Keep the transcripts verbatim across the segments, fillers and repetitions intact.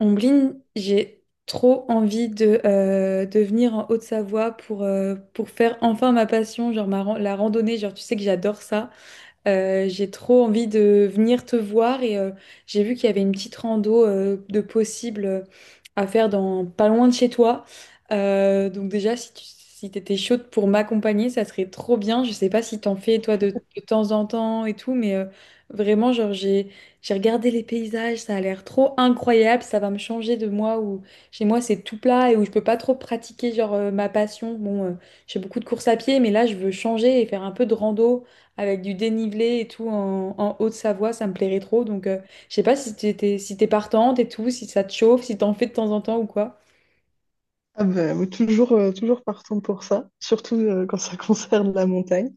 Ombline, j'ai trop envie de, euh, de venir en Haute-Savoie pour, euh, pour faire enfin ma passion, genre ma ran- la randonnée. Genre, tu sais que j'adore ça. Euh, j'ai trop envie de venir te voir et euh, j'ai vu qu'il y avait une petite rando euh, de possible euh, à faire dans pas loin de chez toi. Euh, donc déjà, si tu si t'étais chaude pour m'accompagner, ça serait trop bien. Je sais pas si t'en fais toi de, de temps en temps et tout, mais euh, vraiment, genre j'ai j'ai regardé les paysages, ça a l'air trop incroyable. Ça va me changer de moi où chez moi c'est tout plat et où je peux pas trop pratiquer genre euh, ma passion. Bon, euh, je fais beaucoup de courses à pied, mais là je veux changer et faire un peu de rando avec du dénivelé et tout en, en Haute-Savoie, ça me plairait trop. Donc, euh, je sais pas si t'es, t'es- si t'es partante et tout, si ça te chauffe, si t'en fais de temps en temps ou quoi. Ah ben, oui, toujours, euh, toujours partante pour ça, surtout euh, quand ça concerne la montagne.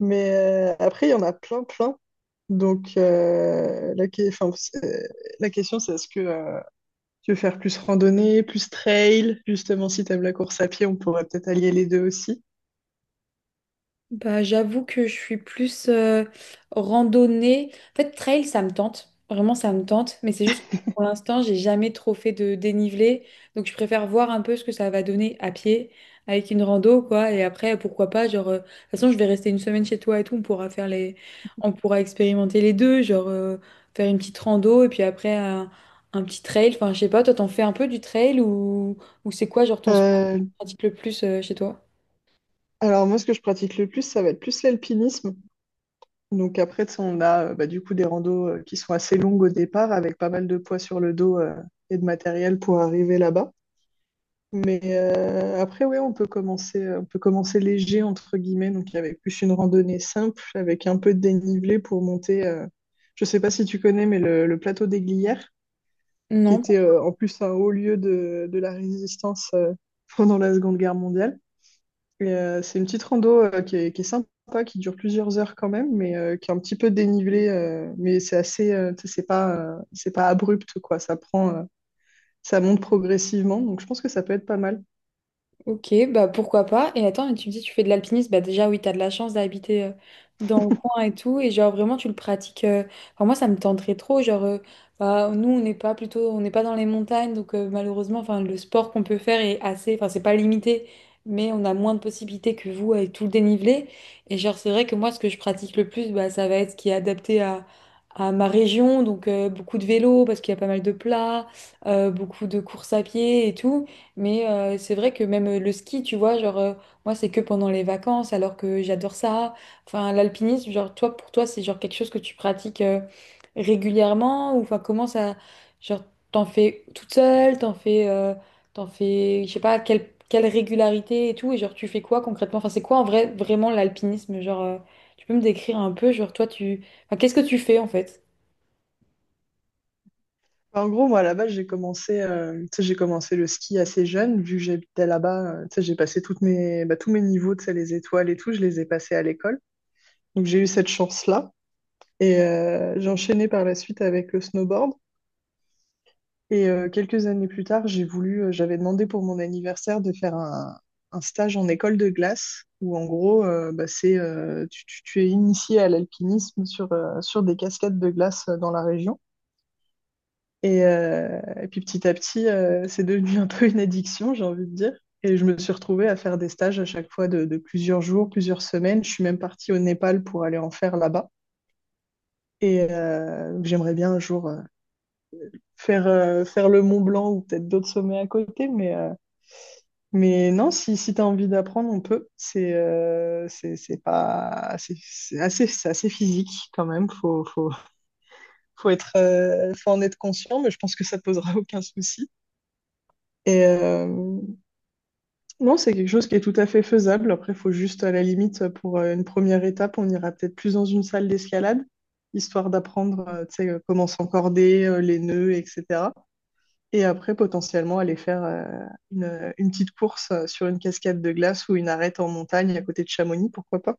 Mais euh, après, il y en a plein, plein. Donc, euh, la, que- enfin, c'est- la question, c'est est-ce que euh, tu veux faire plus randonnée, plus trail? Justement, si tu aimes la course à pied, on pourrait peut-être allier les deux aussi. Bah, j'avoue que je suis plus euh, randonnée. En fait, trail, ça me tente. Vraiment, ça me tente. Mais c'est juste que pour l'instant, j'ai jamais trop fait de dénivelé. Donc, je préfère voir un peu ce que ça va donner à pied avec une rando, quoi. Et après, pourquoi pas, genre, euh, de toute façon, je vais rester une semaine chez toi et tout. On pourra faire les. On pourra expérimenter les deux, genre, euh, faire une petite rando et puis après, un, un petit trail. Enfin, je sais pas, toi, t'en fais un peu du trail ou, ou c'est quoi, genre, ton sport que Euh, tu pratiques le plus euh, chez toi? alors, moi, ce que je pratique le plus, ça va être plus l'alpinisme. Donc, après, tu sais, on a euh, bah, du coup des randos euh, qui sont assez longues au départ, avec pas mal de poids sur le dos euh, et de matériel pour arriver là-bas. Mais euh, après, ouais, on peut commencer, on peut commencer léger, entre guillemets, donc avec plus une randonnée simple, avec un peu de dénivelé pour monter. Euh, je sais pas si tu connais, mais le, le plateau des Glières, qui Non. était euh, en plus un haut lieu de, de la résistance euh, pendant la Seconde Guerre mondiale. Et, euh, c'est une petite rando euh, qui est, qui est sympa, qui dure plusieurs heures quand même, mais euh, qui est un petit peu dénivelée. Euh, mais c'est assez, euh, tu sais, c'est pas, euh, c'est pas abrupt, quoi. Ça prend, euh, ça monte progressivement, donc je pense que ça peut être pas mal. Ok, bah pourquoi pas. Et attends, mais tu me dis, tu fais de l'alpinisme, bah déjà oui, t'as de la chance d'habiter euh, dans le coin et tout, et genre vraiment tu le pratiques. euh, Enfin moi ça me tenterait trop, genre euh, bah, nous on n'est pas plutôt, on n'est pas dans les montagnes, donc euh, malheureusement, enfin le sport qu'on peut faire est assez, enfin c'est pas limité, mais on a moins de possibilités que vous avec tout le dénivelé. Et genre c'est vrai que moi ce que je pratique le plus, bah ça va être ce qui est adapté à à ma région, donc euh, beaucoup de vélo parce qu'il y a pas mal de plats, euh, beaucoup de courses à pied et tout. Mais euh, c'est vrai que même euh, le ski, tu vois, genre, euh, moi, c'est que pendant les vacances, alors que j'adore ça. Enfin, l'alpinisme, genre, toi, pour toi, c'est genre quelque chose que tu pratiques euh, régulièrement ou enfin, comment ça, genre, t'en fais toute seule, t'en fais, euh, t'en fais, je sais pas, quelle, quelle régularité et tout, et genre, tu fais quoi concrètement? Enfin, c'est quoi en vrai, vraiment l'alpinisme? Genre, euh, tu peux me décrire un peu, genre, toi, tu, enfin, qu'est-ce que tu fais en fait? Enfin, En gros, moi, à la base, j'ai commencé, euh, tu sais, j'ai commencé le ski assez jeune, vu que j'habitais là-bas. Euh, tu sais, j'ai passé toutes mes, bah, tous mes niveaux, tu sais, les étoiles et tout, je les ai passés à l'école. Donc, j'ai eu cette chance-là. Et euh, j'ai enchaîné par la suite avec le snowboard. Et euh, quelques années plus tard, j'ai voulu, euh, j'avais demandé pour mon anniversaire de faire un, un stage en école de glace, où en gros, euh, bah, c'est, euh, tu, tu- tu es initié à l'alpinisme sur, euh, sur des cascades de glace euh, dans la région. Et, euh, et puis petit à petit, euh, c'est devenu un peu une addiction, j'ai envie de dire. Et je me suis retrouvée à faire des stages à chaque fois de, de plusieurs jours, plusieurs semaines. Je suis même partie au Népal pour aller en faire là-bas. Et euh, donc j'aimerais bien un jour euh, faire, euh, faire le Mont Blanc ou peut-être d'autres sommets à côté. Mais, euh, mais non, si, si tu as envie d'apprendre, on peut. C'est euh, c'est c'est pas, c'est c'est assez, c'est assez physique quand même. Faut, faut, faut être, euh, faut en être conscient, mais je pense que ça ne posera aucun souci. Et, euh, non, c'est quelque chose qui est tout à fait faisable. Après, il faut juste, à la limite, pour euh, une première étape, on ira peut-être plus dans une salle d'escalade, histoire d'apprendre, euh, tu sais, euh, comment s'encorder, euh, les nœuds, et cetera. Et après, potentiellement, aller faire euh, une, une petite course euh, sur une cascade de glace ou une arête en montagne à côté de Chamonix, pourquoi pas?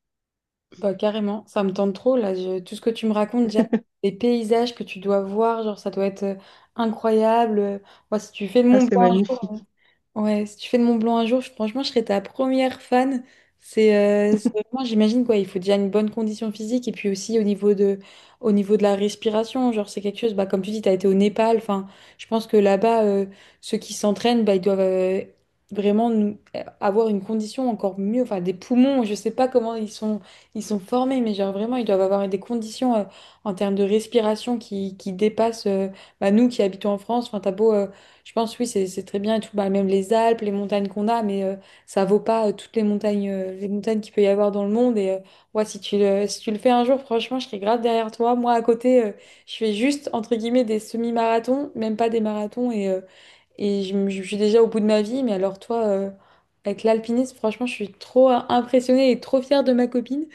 Bah, carrément, ça me tente trop là. je- Tout ce que tu me racontes, déjà, les paysages que tu dois voir, genre ça doit être euh, incroyable. Moi, si tu fais le Ah, Mont c'est Blanc. magnifique. Ouais, si tu fais de Mont Blanc un jour, je- franchement, je serais ta première fan. C'est euh, c'est vraiment, j'imagine quoi, il faut déjà une bonne condition physique et puis aussi au niveau de, au niveau de la respiration, genre c'est quelque chose, bah, comme tu dis, tu as été au Népal, enfin, je pense que là-bas, euh, ceux qui s'entraînent, bah, ils doivent euh, vraiment nous- euh, avoir une condition encore mieux, enfin des poumons, je sais pas comment ils sont, ils sont formés, mais genre vraiment, ils doivent avoir des conditions euh, en termes de respiration qui, qui dépassent euh, bah, nous qui habitons en France, enfin, t'as beau... euh, je pense, oui, c'est c'est très bien et tout. Bah, même les Alpes, les montagnes qu'on a, mais euh, ça vaut pas euh, toutes les montagnes, euh, les montagnes qu'il peut y avoir dans le monde. Et euh, ouais, si tu le, si tu le fais un jour, franchement, je serai grave derrière toi. Moi, à côté, euh, je fais juste, entre guillemets, des semi-marathons, même pas des marathons. Et, euh, et je, me- je suis déjà au bout de ma vie. Mais alors, toi, euh, avec l'alpinisme, franchement, je suis trop euh, impressionnée et trop fière de ma copine.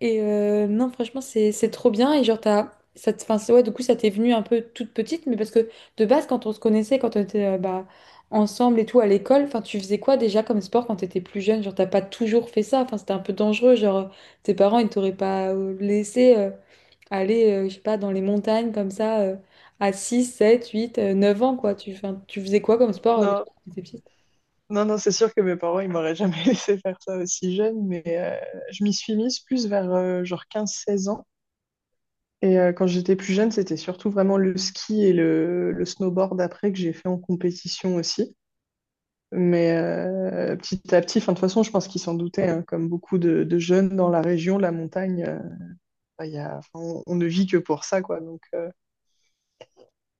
Et euh, non, franchement, c'est c'est trop bien. Et genre, t'as, ça, te- enfin, c'est- ouais, du coup, ça t'est venu un peu toute petite, mais parce que de base, quand on se connaissait, quand on était euh, bah, ensemble et tout à l'école, enfin, tu faisais quoi déjà comme sport quand t'étais plus jeune? Genre, t'as pas toujours fait ça. Enfin, c'était un peu dangereux. Genre, tes parents, ils t'auraient pas euh, laissé euh, aller, euh, je sais pas, dans les montagnes comme ça euh, à six sept huit euh, neuf ans, quoi. Tu, enfin, tu faisais quoi comme sport euh, déjà Non, quand t'étais petite? non, non, c'est sûr que mes parents, ils m'auraient jamais laissé faire ça aussi jeune, mais euh, je m'y suis mise plus vers euh, genre quinze, seize ans. Et euh, quand j'étais plus jeune, c'était surtout vraiment le ski et le, le snowboard après que j'ai fait en compétition aussi. Mais euh, petit à petit, enfin, de toute façon, je pense qu'ils s'en doutaient, hein, comme beaucoup de, de jeunes dans la région, la montagne, euh, bah, il y a, enfin, on, on ne vit que pour ça, quoi. Donc, euh,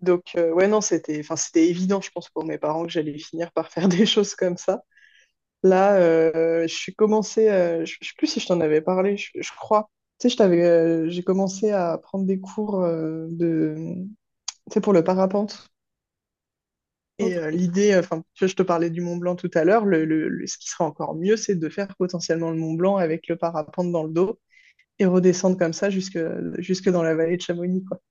donc euh, ouais, non, c'était, enfin, c'était évident, je pense, pour mes parents que j'allais finir par faire des choses comme ça. Là, euh, je suis commencé, euh, je, je sais plus si je t'en avais parlé, je, je crois. Tu sais, je t'avais, euh, J'ai commencé à prendre des cours euh, de, sais, pour le parapente. Et Ok. euh, l'idée, enfin, tu vois, je te parlais du Mont Blanc tout à l'heure, le, le- le- ce qui serait encore mieux, c'est de faire potentiellement le Mont Blanc avec le parapente dans le dos et redescendre comme ça jusque, jusque dans la vallée de Chamonix, quoi.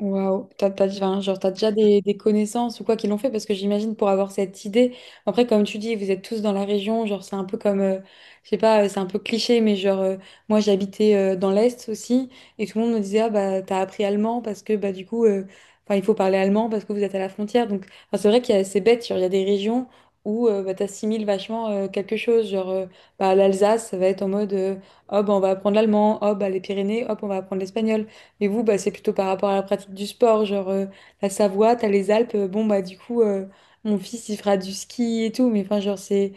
Waouh, t'as, t'as, enfin, genre, t'as déjà des, des connaissances ou quoi qui l'ont fait parce que j'imagine pour avoir cette idée. Après, comme tu dis, vous êtes tous dans la région, genre c'est un peu comme, euh, je sais pas, euh, c'est un peu cliché, mais genre euh, moi j'habitais euh, dans l'Est aussi et tout le monde me disait ah bah t'as appris allemand parce que bah du coup, euh, enfin il faut parler allemand parce que vous êtes à la frontière. Donc enfin, c'est vrai qu'il y a c'est bête, genre il y a des régions où euh, bah, t'assimiles vachement euh, quelque chose, genre euh, bah l'Alsace ça va être en mode euh, oh bah on va apprendre l'allemand, oh bah les Pyrénées, hop on va apprendre l'espagnol. Et vous, bah, c'est plutôt par rapport à la pratique du sport, genre euh, la Savoie, t'as les Alpes, euh, bon bah du coup euh, mon fils il fera du ski et tout, mais enfin genre c'est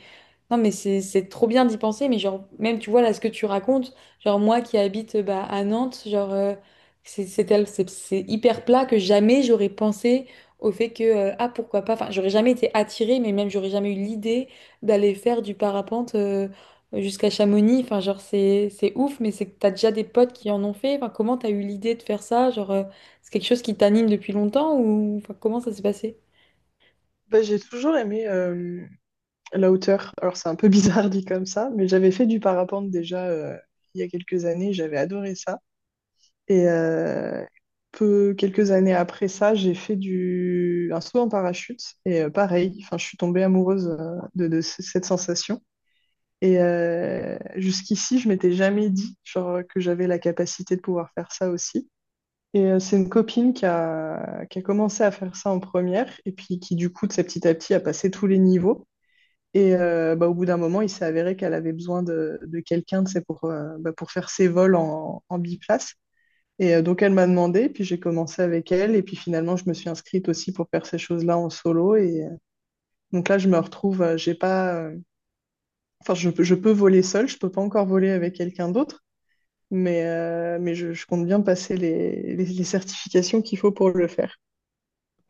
non, mais c'est c'est trop bien d'y penser, mais genre, même tu vois là ce que tu racontes, genre moi qui habite euh, bah, à Nantes, genre, euh, c'est c'est tel- c'est- c'est hyper plat que jamais j'aurais pensé au fait que, euh, ah pourquoi pas, enfin, j'aurais jamais été attirée, mais même j'aurais jamais eu l'idée d'aller faire du parapente euh, jusqu'à Chamonix, enfin, genre, c'est c'est ouf, mais c'est que t'as déjà des potes qui en ont fait, enfin, comment t'as eu l'idée de faire ça, genre, euh, c'est quelque chose qui t'anime depuis longtemps ou enfin, comment ça s'est passé? Bah, j'ai toujours aimé euh, la hauteur. Alors, c'est un peu bizarre dit comme ça, mais j'avais fait du parapente déjà euh, il y a quelques années, j'avais adoré ça. Et euh, peu, quelques années après ça, j'ai fait du, un saut en parachute et euh, pareil, enfin, je suis tombée amoureuse euh, de, de ce- cette sensation. Et euh, jusqu'ici, je m'étais jamais dit genre, que j'avais la capacité de pouvoir faire ça aussi. Et euh, c'est une copine qui a, qui a commencé à faire ça en première et puis qui, du coup, de sa petit à petit, a passé tous les niveaux. Et euh, bah, au bout d'un moment, il s'est avéré qu'elle avait besoin de, de quelqu'un tu sais, pour, euh, bah, pour faire ses vols en, en biplace. Et euh, donc, elle m'a demandé, puis j'ai commencé avec elle. Et puis finalement, je me suis inscrite aussi pour faire ces choses-là en solo. Et euh, donc là, je me retrouve, euh, j'ai pas, euh, Enfin, je, je peux voler seul, je peux pas encore voler avec quelqu'un d'autre, mais, euh, mais je, je compte bien passer les, les, les certifications qu'il faut pour le faire.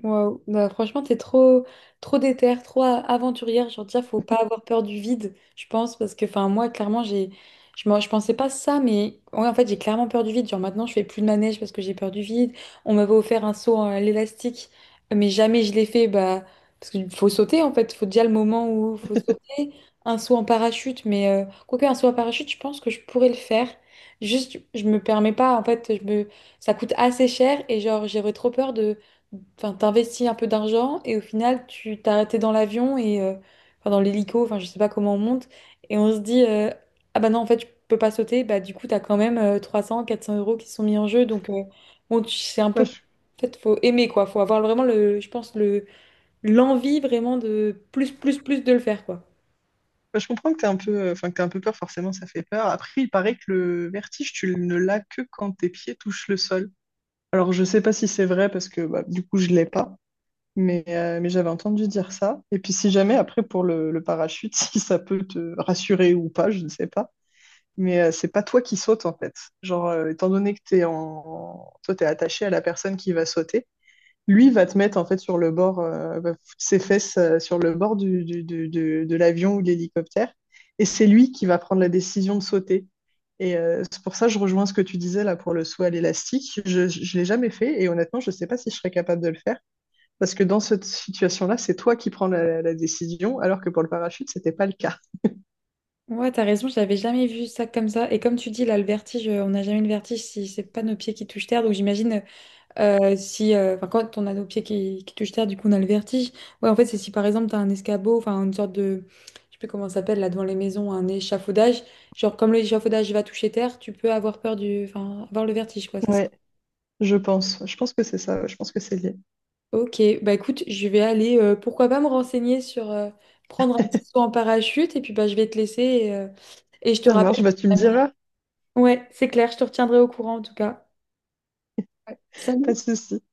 Wow. Bah, franchement, t'es trop, trop déter, trop a- aventurière. Genre, déjà, faut pas avoir peur du vide, je pense, parce que, enfin, moi, clairement, j'ai, je, m'en- je pensais pas ça, mais ouais, en fait, j'ai clairement peur du vide. Genre, maintenant, je fais plus de manège parce que j'ai peur du vide. On m'avait offert un saut à l'élastique, mais jamais je l'ai fait, bah, parce qu'il faut sauter, en fait. Faut déjà le moment où faut sauter. Un saut en parachute, mais euh, quoique un saut en parachute, je pense que je pourrais le faire. Juste, je me permets pas, en fait, je me. Ça coûte assez cher et genre, j'aurais trop peur de enfin, t'investis un peu d'argent et au final, tu t'es arrêté dans l'avion et euh, enfin, dans l'hélico, enfin, je sais pas comment on monte. Et on se dit, euh, ah bah non, en fait, je peux pas sauter. Bah, du coup, t'as quand même euh, trois cents, quatre cents euros qui sont mis en jeu. Donc, euh, bon, tu- c'est un peu. Bah, je, En fait, faut aimer, quoi. Faut avoir vraiment, le, je pense, le, l'envie vraiment de plus, plus, plus de le faire, quoi. bah, je comprends que t'es un peu, euh, enfin, que t'aies un peu peur, forcément, ça fait peur. Après, il paraît que le vertige, tu ne l'as que quand tes pieds touchent le sol. Alors, je sais pas si c'est vrai parce que bah, du coup, je l'ai pas, mais, euh, mais j'avais entendu dire ça. Et puis, si jamais, après, pour le, le parachute, si ça peut te rassurer ou pas, je ne sais pas. Mais euh, c'est pas toi qui sautes en fait. Genre, euh, étant donné que t'es en... toi, t'es attaché à la personne qui va sauter, lui va te mettre en fait sur le bord, euh, va foutre ses fesses euh, sur le bord du, du- du- du- de l'avion ou de l'hélicoptère, et c'est lui qui va prendre la décision de sauter. Et euh, c'est pour ça que je rejoins ce que tu disais là pour le saut à l'élastique. Je ne l'ai jamais fait et honnêtement, je ne sais pas si je serais capable de le faire parce que dans cette situation-là, c'est toi qui prends la, la décision alors que pour le parachute, c'était pas le cas. Ouais, t'as raison, j'avais jamais vu ça comme ça. Et comme tu dis, là, le vertige, euh, on n'a jamais le vertige si c'est pas nos pieds qui touchent terre. Donc j'imagine, euh, Euh, si, euh, enfin, quand on a nos pieds qui, qui touchent terre, du coup, on a le vertige. Ouais, en fait, c'est si par exemple, tu as un escabeau, enfin, une sorte de, je sais plus comment ça s'appelle, là, devant les maisons, un échafaudage. Genre, comme l'échafaudage va toucher terre, tu peux avoir peur du, enfin, avoir le vertige, quoi, c'est ça. Ouais, je pense. Je pense que c'est ça. Je pense que c'est lié. Ok, bah écoute, je vais aller, euh, pourquoi pas me renseigner sur euh, prendre un petit saut en parachute, et puis bah, je vais te laisser, et, euh, et je te Ça marche, rappelle bah si tu me jamais. diras, Ouais, c'est clair, je te retiendrai au courant en tout cas. pas de Salut! souci.